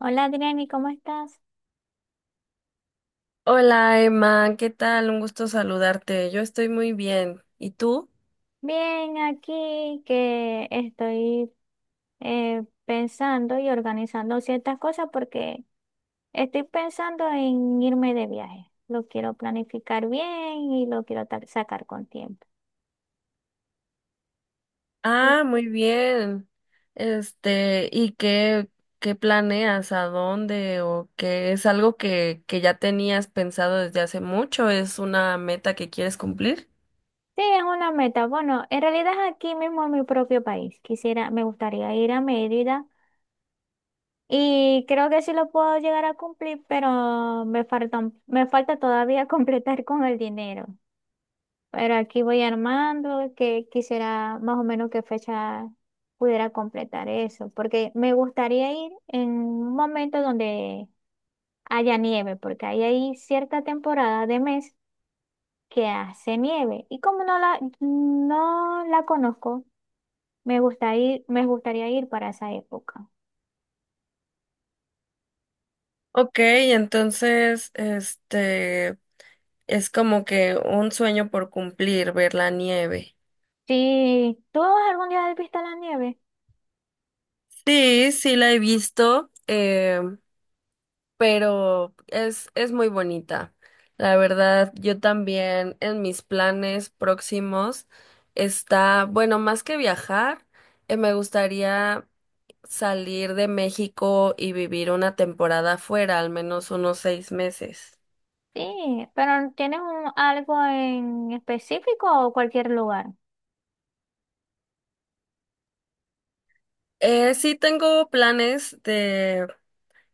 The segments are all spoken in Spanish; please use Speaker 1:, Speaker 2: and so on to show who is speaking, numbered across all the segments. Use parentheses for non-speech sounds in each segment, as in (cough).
Speaker 1: Hola Adriani, ¿cómo estás?
Speaker 2: Hola Emma, ¿qué tal? Un gusto saludarte. Yo estoy muy bien. ¿Y tú?
Speaker 1: Bien, aquí que estoy pensando y organizando ciertas cosas porque estoy pensando en irme de viaje. Lo quiero planificar bien y lo quiero sacar con tiempo. Y
Speaker 2: Ah, muy bien. ¿Y qué planeas? ¿A dónde? ¿O qué es algo que ya tenías pensado desde hace mucho? ¿Es una meta que quieres cumplir?
Speaker 1: sí, es una meta. Bueno, en realidad es aquí mismo en mi propio país. Quisiera, me gustaría ir a Mérida y creo que sí lo puedo llegar a cumplir, pero me faltan, me falta todavía (laughs) completar con el dinero. Pero aquí voy armando, que quisiera más o menos qué fecha pudiera completar eso, porque me gustaría ir en un momento donde haya nieve, porque ahí hay cierta temporada de mes que hace nieve y como no la conozco, me gusta ir, me gustaría ir para esa época.
Speaker 2: Ok, entonces, es como que un sueño por cumplir, ver la nieve.
Speaker 1: Si tú algún día has visto la nieve,
Speaker 2: Sí, sí la he visto. Pero es muy bonita. La verdad, yo también en mis planes próximos está, bueno, más que viajar, me gustaría salir de México y vivir una temporada fuera, al menos unos seis meses.
Speaker 1: sí, pero ¿tienes algo en específico o cualquier lugar?
Speaker 2: Sí tengo planes de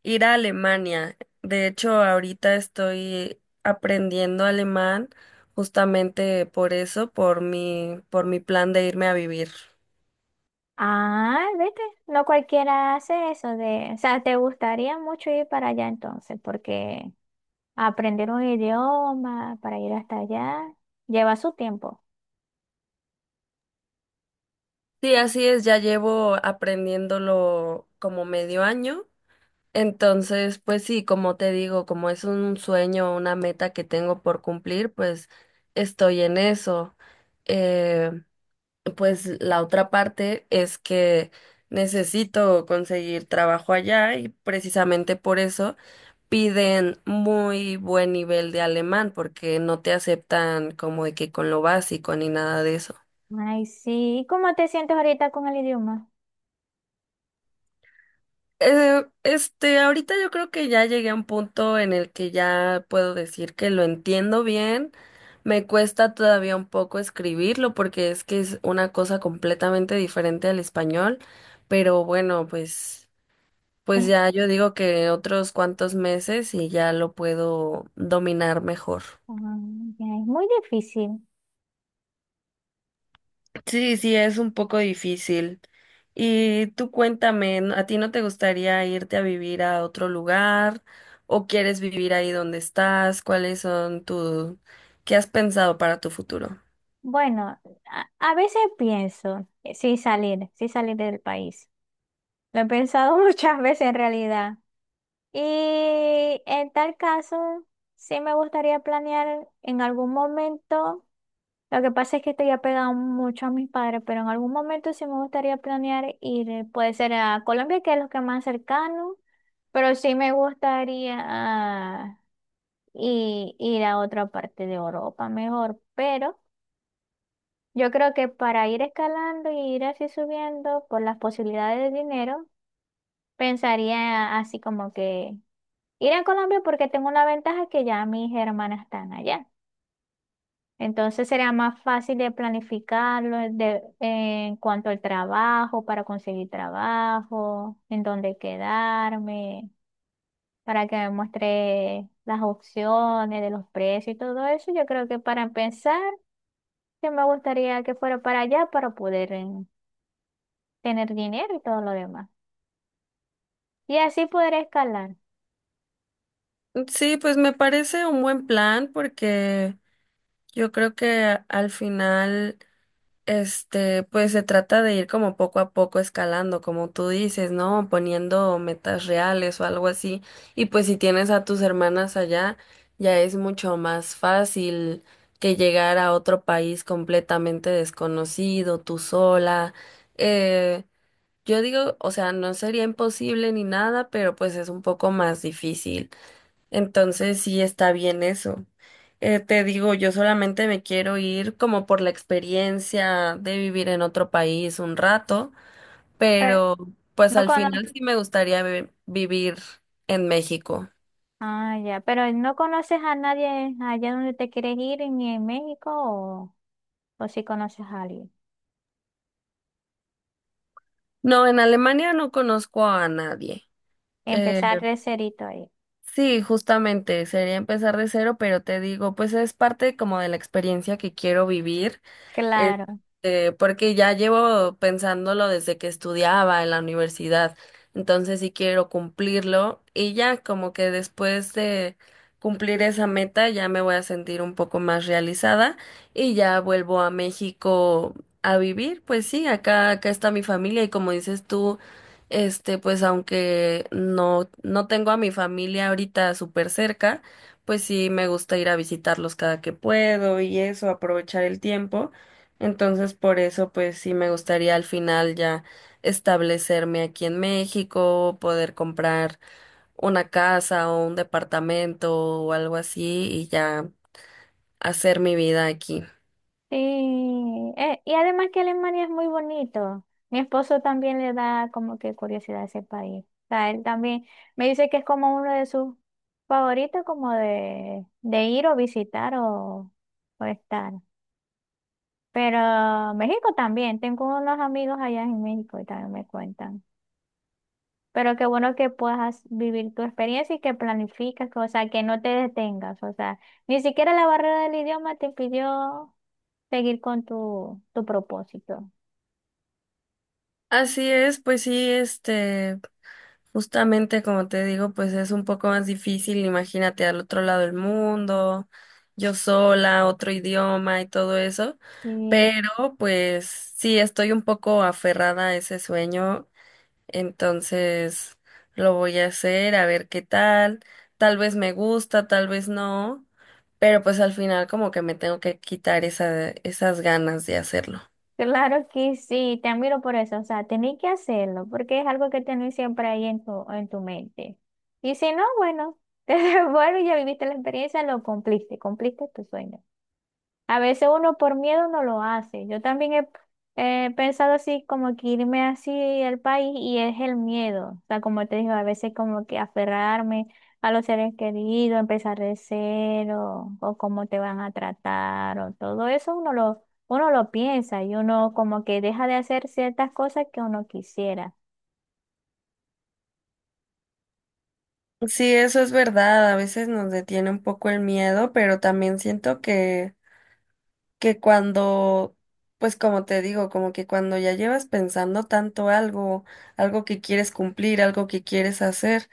Speaker 2: ir a Alemania. De hecho, ahorita estoy aprendiendo alemán justamente por eso, por mi plan de irme a vivir.
Speaker 1: Ah, vete, no cualquiera hace eso de, o sea, te gustaría mucho ir para allá entonces, porque aprender un idioma para ir hasta allá lleva su tiempo.
Speaker 2: Sí, así es, ya llevo aprendiéndolo como medio año. Entonces, pues sí, como te digo, como es un sueño, una meta que tengo por cumplir, pues estoy en eso. Eh, pues la otra parte es que necesito conseguir trabajo allá y precisamente por eso piden muy buen nivel de alemán porque no te aceptan como de que con lo básico ni nada de eso.
Speaker 1: Ay, sí, ¿y cómo te sientes ahorita con el idioma?
Speaker 2: Ahorita yo creo que ya llegué a un punto en el que ya puedo decir que lo entiendo bien. Me cuesta todavía un poco escribirlo porque es que es una cosa completamente diferente al español, pero bueno, pues
Speaker 1: Es,
Speaker 2: ya yo digo que otros cuantos meses y ya lo puedo dominar mejor.
Speaker 1: mm, ya, es muy difícil.
Speaker 2: Sí, sí, es un poco difícil. Y tú cuéntame, ¿a ti no te gustaría irte a vivir a otro lugar o quieres vivir ahí donde estás? ¿Qué has pensado para tu futuro?
Speaker 1: Bueno, a veces pienso, sí salir del país. Lo he pensado (laughs) muchas veces en realidad. Y en tal caso, sí me gustaría planear en algún momento. Lo que pasa es que estoy apegado mucho a mis padres, pero en algún momento sí me gustaría planear ir, puede ser a Colombia, que es lo que más cercano, pero sí me gustaría ir a otra parte de Europa mejor. Pero yo creo que para ir escalando y ir así subiendo por las posibilidades de dinero, pensaría así como que ir a Colombia porque tengo una ventaja que ya mis hermanas están allá. Entonces sería más fácil de planificarlo en cuanto al trabajo, para conseguir trabajo, en dónde quedarme, para que me muestre las opciones de los precios y todo eso. Yo creo que para empezar, que me gustaría que fuera para allá para poder tener dinero y todo lo demás. Y así poder escalar.
Speaker 2: Sí, pues me parece un buen plan porque yo creo que al final, pues se trata de ir como poco a poco escalando, como tú dices, ¿no? Poniendo metas reales o algo así. Y pues si tienes a tus hermanas allá, ya es mucho más fácil que llegar a otro país completamente desconocido, tú sola. Eh, yo digo, o sea, no sería imposible ni nada, pero pues es un poco más difícil. Entonces sí está bien eso. Te digo, yo solamente me quiero ir como por la experiencia de vivir en otro país un rato,
Speaker 1: Eh,
Speaker 2: pero pues
Speaker 1: No
Speaker 2: al
Speaker 1: cono
Speaker 2: final sí me gustaría vivir en México.
Speaker 1: ah, ya, pero no conoces a nadie allá donde te quieres ir, ni en México, o si conoces a alguien.
Speaker 2: No, en Alemania no conozco a nadie. Eh,
Speaker 1: Empezar de cerito ahí.
Speaker 2: sí, justamente sería empezar de cero, pero te digo, pues es parte como de la experiencia que quiero vivir.
Speaker 1: Claro.
Speaker 2: Este, porque ya llevo pensándolo desde que estudiaba en la universidad, entonces sí quiero cumplirlo y ya como que después de cumplir esa meta ya me voy a sentir un poco más realizada y ya vuelvo a México a vivir, pues sí, acá está mi familia y como dices tú, este, pues aunque no tengo a mi familia ahorita súper cerca, pues sí me gusta ir a visitarlos cada que puedo y eso, aprovechar el tiempo. Entonces, por eso, pues sí me gustaría al final ya establecerme aquí en México, poder comprar una casa o un departamento o algo así y ya hacer mi vida aquí.
Speaker 1: Sí. Y además que Alemania es muy bonito. Mi esposo también le da como que curiosidad a ese país. O sea, él también me dice que es como uno de sus favoritos, como de ir o visitar o estar. Pero México también. Tengo unos amigos allá en México y también me cuentan. Pero qué bueno que puedas vivir tu experiencia y que planificas, que, o sea, que no te detengas. O sea, ni siquiera la barrera del idioma te impidió seguir con tu, tu propósito.
Speaker 2: Así es, pues sí, este, justamente como te digo, pues es un poco más difícil, imagínate al otro lado del mundo, yo sola, otro idioma y todo eso,
Speaker 1: Y
Speaker 2: pero pues sí, estoy un poco aferrada a ese sueño. Entonces lo voy a hacer, a ver qué tal. Tal vez me gusta, tal vez no, pero pues al final como que me tengo que quitar esas ganas de hacerlo.
Speaker 1: claro que sí, te admiro por eso, o sea, tenés que hacerlo, porque es algo que tenés siempre ahí en tu mente. Y si no, bueno, (laughs) te devuelves, ya viviste la experiencia, lo cumpliste, cumpliste tu sueño. A veces uno por miedo no lo hace. Yo también he pensado así, como que irme así al país y es el miedo. O sea, como te digo, a veces como que aferrarme a los seres queridos, empezar de cero, o cómo te van a tratar, o todo eso uno lo piensa y uno como que deja de hacer ciertas cosas que uno quisiera.
Speaker 2: Sí, eso es verdad, a veces nos detiene un poco el miedo, pero también siento que cuando, pues como te digo, como que cuando ya llevas pensando tanto algo, algo que quieres cumplir, algo que quieres hacer,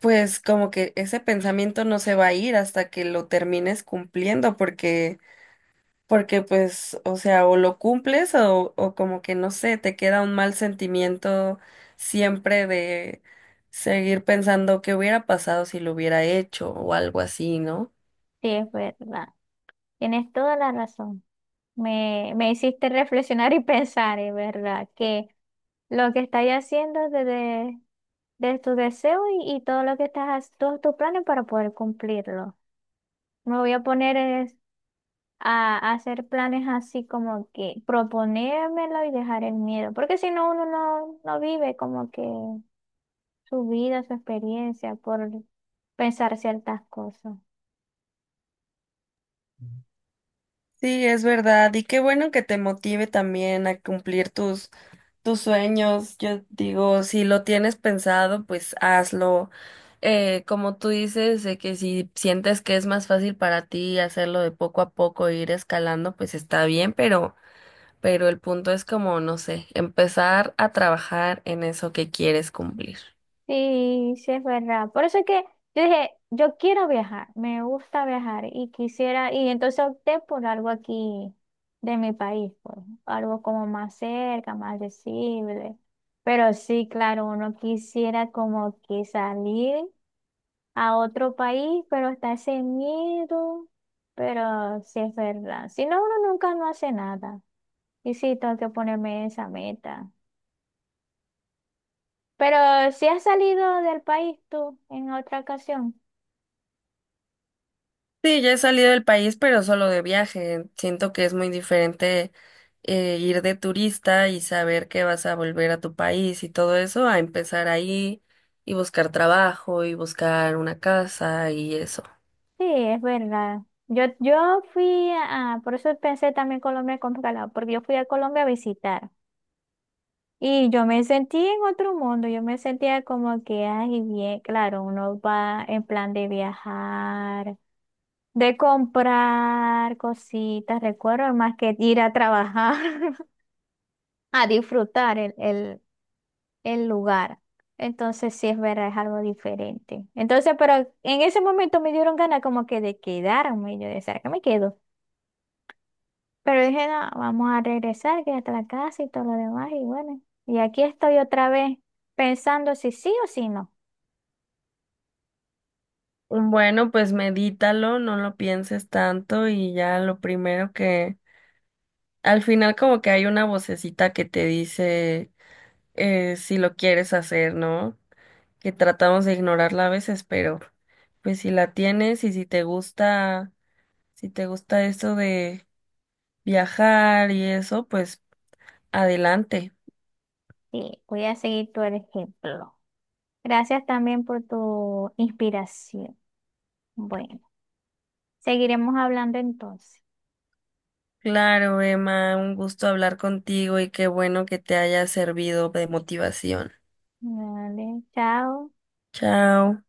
Speaker 2: pues como que ese pensamiento no se va a ir hasta que lo termines cumpliendo, porque pues, o sea, o lo cumples o como que no sé, te queda un mal sentimiento siempre de seguir pensando qué hubiera pasado si lo hubiera hecho o algo así, ¿no?
Speaker 1: Sí, es verdad. Tienes toda la razón. Me hiciste reflexionar y pensar, es verdad, que lo que estás haciendo desde de tu deseo y todo lo que estás, todos tus planes para poder cumplirlo. Me voy a poner es a hacer planes así como que proponérmelo y dejar el miedo, porque si no, uno no, no vive como que su vida, su experiencia por pensar ciertas cosas.
Speaker 2: Sí, es verdad. Y qué bueno que te motive también a cumplir tus sueños. Yo digo, si lo tienes pensado, pues hazlo. Como tú dices, de que si sientes que es más fácil para ti hacerlo de poco a poco, e ir escalando, pues está bien, pero el punto es como, no sé, empezar a trabajar en eso que quieres cumplir.
Speaker 1: Sí, sí es verdad. Por eso es que yo dije, yo quiero viajar, me gusta viajar y quisiera, y entonces opté por algo aquí de mi país, pues, algo como más cerca, más accesible. Pero sí, claro, uno quisiera como que salir a otro país, pero está ese miedo. Pero sí es verdad. Si no, uno nunca no hace nada. Y sí, tengo que ponerme esa meta. Pero si has salido del país tú en otra ocasión.
Speaker 2: Sí, ya he salido del país, pero solo de viaje. Siento que es muy diferente ir de turista y saber que vas a volver a tu país y todo eso, a empezar ahí y buscar trabajo y buscar una casa y eso.
Speaker 1: Sí, es verdad. Yo fui a, por eso pensé también Colombia con calado, porque yo fui a Colombia a visitar y yo me sentí en otro mundo, yo me sentía como que, ay, bien, claro, uno va en plan de viajar, de comprar cositas, recuerdo, más que ir a trabajar, (laughs) a disfrutar el lugar. Entonces sí es verdad, es algo diferente. Entonces, pero en ese momento me dieron ganas como que de quedarme, y yo decía, ¿será que me quedo? Pero dije, no, vamos a regresar, que hasta la casa y todo lo demás, y bueno, y aquí estoy otra vez pensando si sí o si no.
Speaker 2: Bueno, pues medítalo, no lo pienses tanto y ya lo primero que al final como que hay una vocecita que te dice si lo quieres hacer, ¿no? Que tratamos de ignorarla a veces, pero pues si la tienes y si te gusta, si te gusta esto de viajar y eso, pues adelante.
Speaker 1: Y voy a seguir tu ejemplo. Gracias también por tu inspiración. Bueno, seguiremos hablando entonces.
Speaker 2: Claro, Emma, un gusto hablar contigo y qué bueno que te haya servido de motivación.
Speaker 1: Vale, chao.
Speaker 2: Chao.